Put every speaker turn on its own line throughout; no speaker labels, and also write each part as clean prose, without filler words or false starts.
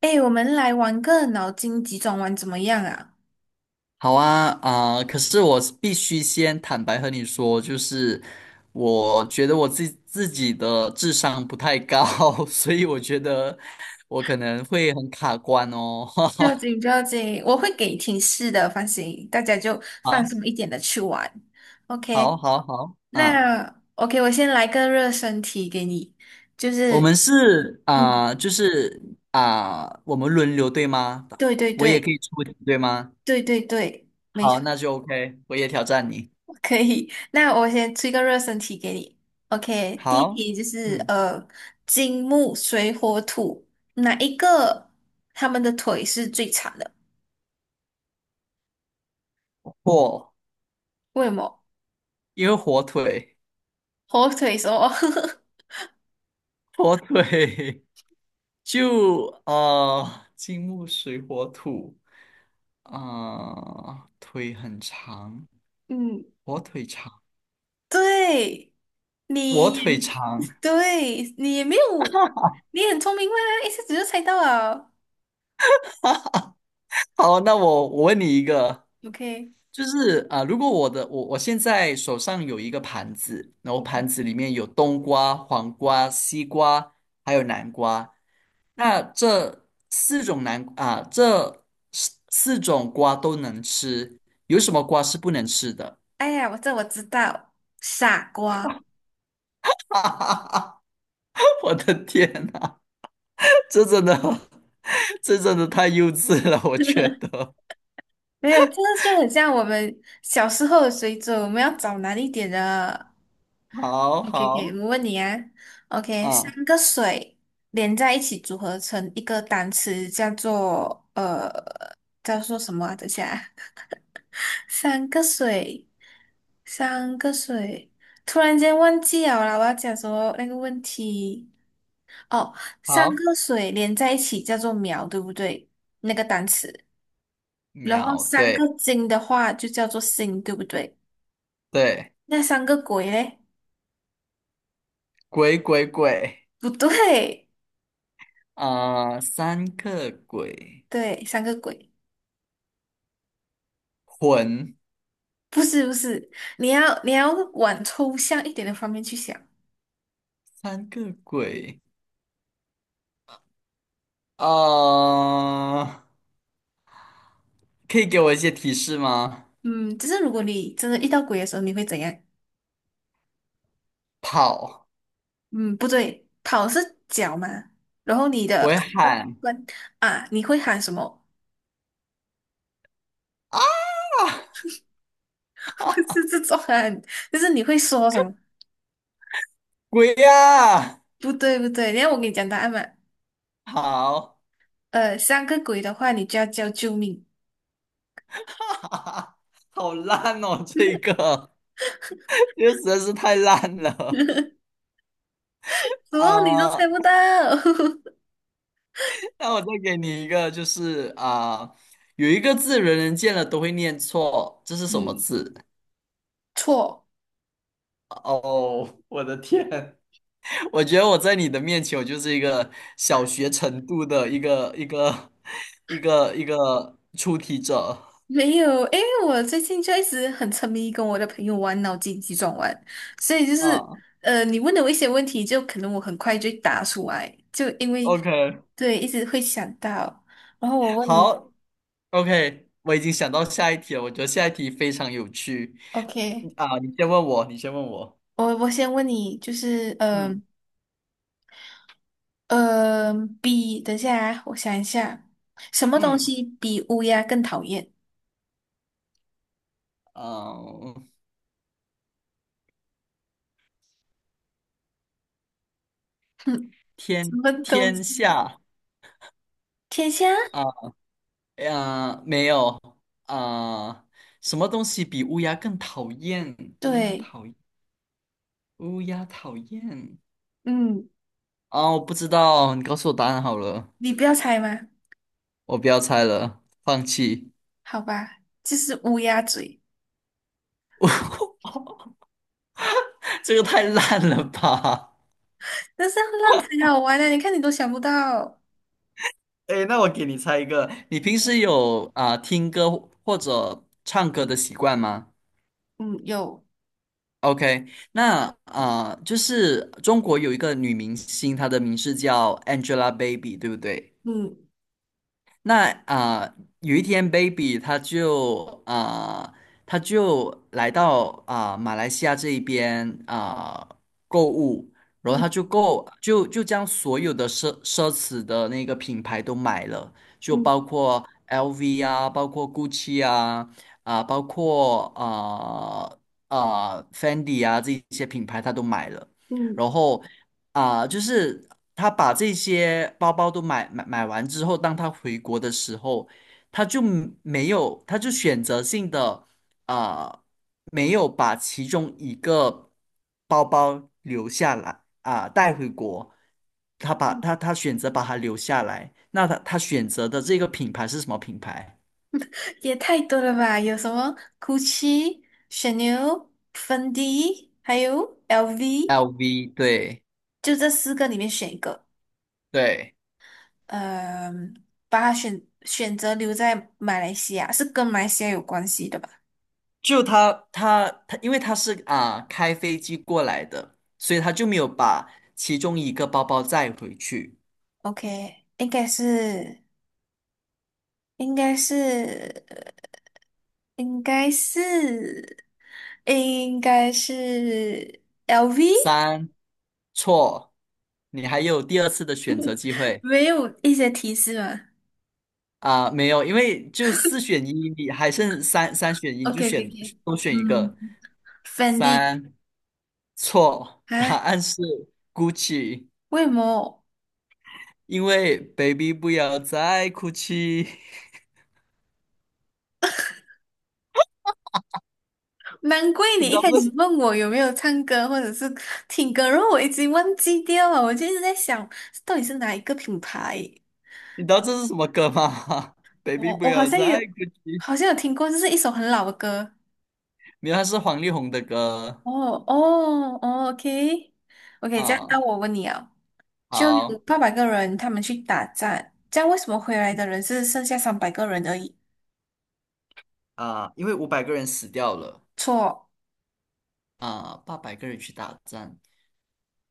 哎，我们来玩个脑筋急转弯怎么样啊？
好啊，可是我必须先坦白和你说，就是我觉得我自己的智商不太高。所以我觉得我可能会很卡关哦。
不要紧，不 要紧，我会给提示的，放心，大家就放
好，
松一点的去玩。
好，
OK，
好，好，嗯，
那 OK，我先来个热身题给你，就
我
是，
们是
嗯，
就是我们轮流对吗？
对对
我也
对，
可以出题对吗？
对对对，没
好，
错，
那就 OK，我也挑战你。
可以。那我先出一个热身题给你。OK，第一
好，
题就是
嗯，
金木水火土哪一个他们的腿是最长的？
火，
为什么？
因为火腿，
火腿什么？
火腿。就金木水火土，啊，腿很长，
嗯，
我腿长，
对，
我
你也
腿长。
对，你也没有，你很聪明嘛，一下子就猜到了。
好，那我问你一个，
OK，
就是如果我的我我现在手上有一个盘子，然后
嗯，
盘子里面有冬瓜、黄瓜、西瓜，还有南瓜，那这四种这四种瓜都能吃，有什么瓜是不能吃的？
哎呀，我知道，傻瓜，
我的天呐！这真的，这真的太幼稚了，我觉得。
没有，这个就很像我们小时候的水准，我们要找难一点的。
好
OK，OK，
好，
我问你啊，OK，
嗯，
三个水连在一起组合成一个单词，叫做叫做什么啊等一下啊三个水，三个水，突然间忘记了啦，我要讲什么那个问题？哦，三
好，
个水连在一起叫做苗，对不对？那个单词，然后
秒，
三
对
个金的话就叫做星，对不对？
对，
那三个鬼嘞？
鬼鬼鬼，
不对，
三个鬼，
对，三个鬼，
魂，
不是不是，你要往抽象一点的方面去想。
三个鬼，呃，可以给我一些提示吗？
嗯，就是如果你真的遇到鬼的时候，你会怎样？
跑，
嗯，不对，跑是脚嘛，然后你
我
的
会
关
喊
关啊，你会喊什么？
啊，
是这种喊，就是你会说什么？
鬼呀、
不对不对，然后我给你讲答案嘛，
好，
三个鬼的话，你就要叫救命，
好烂哦，这个实在是太烂了。
怎
啊、
么你都猜
呃
不到？
那我再给你一个，就是有一个字人人见了都会念错，这是什么
嗯，
字？
错。
哦，我的天，我觉得我在你的面前，我就是一个小学程度的一个 一个一个出题者
没有，诶，我最近就一直很沉迷跟我的朋友玩脑筋急转弯，所以就是
啊。
你问的我一些问题，就可能我很快就答出来，就因为
OK，
对一直会想到。然后我问你
好，OK，我已经想到下一题了，我觉得下一题非常有趣
，OK，
啊。你先问我，你先问我。
我先问你，就是
嗯
呃呃比等一下啊，我想一下，什么东
嗯
西比乌鸦更讨厌？
啊，
哼，什
天
么东
天
西？
下。
天下？
啊。没有啊、什么东西比乌鸦更讨厌？乌鸦
对，
讨厌，乌鸦讨厌
嗯，
我不知道，你告诉我答案好了，
你不要猜吗？
我不要猜了，放弃。
好吧，就是乌鸦嘴。
这个太烂了吧。
但是要浪才好玩的，你看你都想不到，
哎，那我给你猜一个，你平时
OK，
有听歌或者唱歌的习惯吗
嗯，有，
？OK，那就是中国有一个女明星，她的名字叫 Angelababy，对不对？
嗯
那有一天，baby 他就来到马来西亚这一边购物，然后他
嗯
就购就就将所有的奢侈的那个品牌都买了，就
嗯
包括 LV 啊，包括 GUCCI 啊，包括啊、Fendi 啊这一些品牌他都买了，
嗯，
然后就是他把这些包包都买完之后，当他回国的时候，他就没有，他就选择性的啊、没有把其中一个包包留下来带回国，他把他他选择把它留下来。那他选择的这个品牌是什么品牌
也太多了吧？有什么 Gucci、c 牛、a n 还有 LV，
？LV，对
就这四个里面选一个，
对。
嗯、把它选择留在马来西亚，是跟马来西亚有关系的吧
就他，因为他是开飞机过来的，所以他就没有把其中一个包包载回去。
？OK，应该是，应该是，应该是，应该是 LV。
三，错，你还有第二次的选择机会。
没有一些提示吗
没有，因为就四选一，你还剩三选一，你
？OK
就
OK
选
OK，
多选一
嗯
个。
，Fendi，
三，错，答
哎，
案是 Gucci，
为么？
因为 Baby 不要再哭泣。
难怪你
你知
一
道
开
这
始问我有没有唱歌或者是听歌，然后我已经忘记掉了。我就一直在想，到底是哪一个品牌？
你知道这是什么歌吗？ ？Baby
我
不
我好
要
像
再
有，
哭泣。
好像有听过，这是一首很老的歌。
没有，他是黄丽宏的歌
哦哦哦，OK OK，这样那
啊。
我问你啊，就有
好
800个人他们去打战，这样为什么回来的人是剩下三百个人而已？
啊，因为五百个人死掉了
错。
啊，八百个人去打仗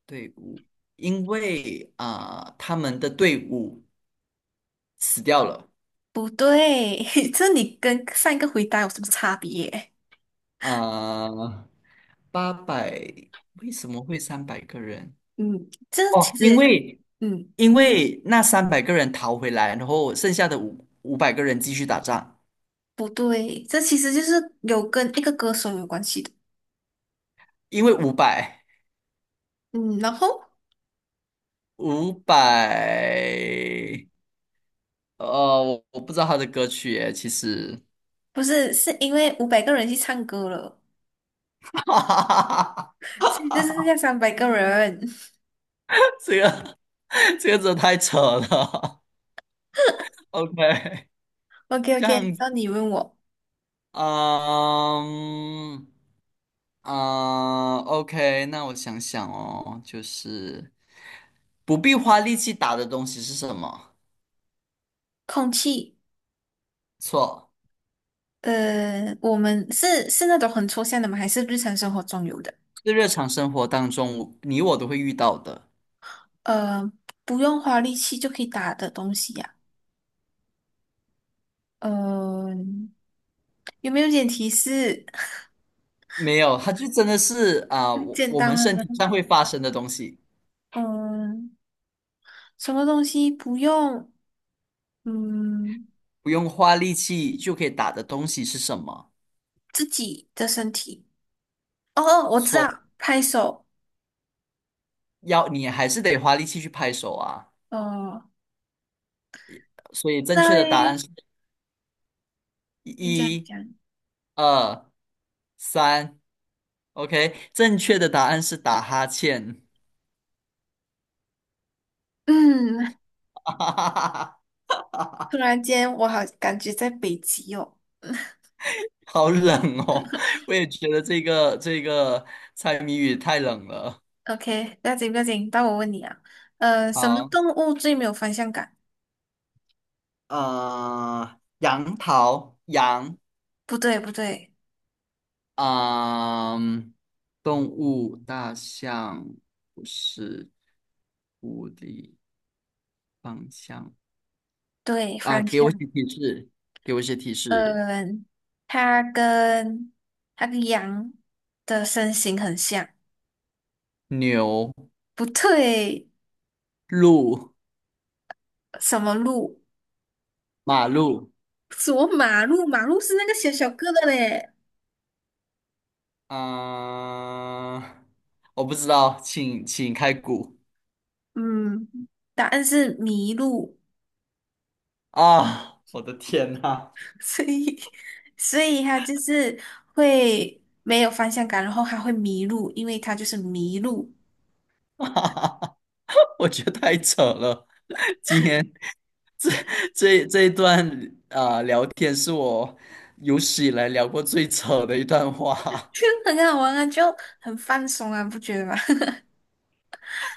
队伍，因为他们的队伍死掉了
不对，这你跟上一个回答有什么差别？
啊，八百，为什么会三百个人？
嗯，这
哦，
其实
因
也是，
为
嗯，
因为那三百个人逃回来，然后剩下的五百个人继续打仗，
不对，这其实就是有跟一个歌手有关系的。
因为五百
嗯，然后
五百呃，我不知道他的歌曲耶，其实。
不是，是因为500个人去唱歌了，
哈哈哈哈，
所以这是要三百个人。
这个 这个真的太扯了。OK，
OK
这样，
OK，那你问我，
嗯o k 那我想想哦，就是不必花力气打的东西是什么？
空气，
错，
我们是那种很抽象的吗？还是日常生活中有的？
是日常生活当中你我都会遇到的。
呃，不用花力气就可以打的东西呀、呃，有没有点提示？
没有，它就真的是啊，我
简
我
单
们身
的，
体上会发生的东西，
嗯，什么东西不用，嗯，
不用花力气就可以打的东西是什么？
自己的身体。哦哦，我知
错。
道，拍手。
要你还是得花力气去拍手啊。
哦，
所以正
那
确的答案
嘞，
是
你这样
一、
讲，
二、三。OK，正确的答案是打哈欠。
嗯，
哈哈哈哈，
突然间我好感觉在北极哦。
好冷哦！我也觉得这个猜谜语太冷了。
OK，不要紧不要紧，到我问你啊，什么
好，
动物最没有方向感？
杨桃，
不对不对，
啊，动物，大象不是狐狸，方向
对
啊，
方
给
向，
我一些提示，给我一些提示。
嗯、它跟它跟羊的身形很像，
牛、
不对。
路、
什么路？
马路，
什么马路？马路是那个小小个的嘞。
啊、我不知道，请开估。
嗯，答案是迷路，
啊！我的天呐，
所以所以他就是会没有方向感，然后他会迷路，因为他就是迷路，
我觉得太扯了。今天这这一段聊天是我有史以来聊过最扯的一段话。
就 很好玩啊，就很放松啊，不觉得吗？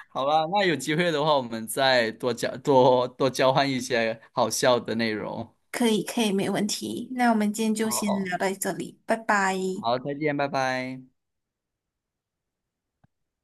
好吧，那有机会的话，我们再多多交换一些好笑的内容。
可以，可以，没问题。那我们今天就先
好，
聊到这里，拜拜。
好，再见，拜拜。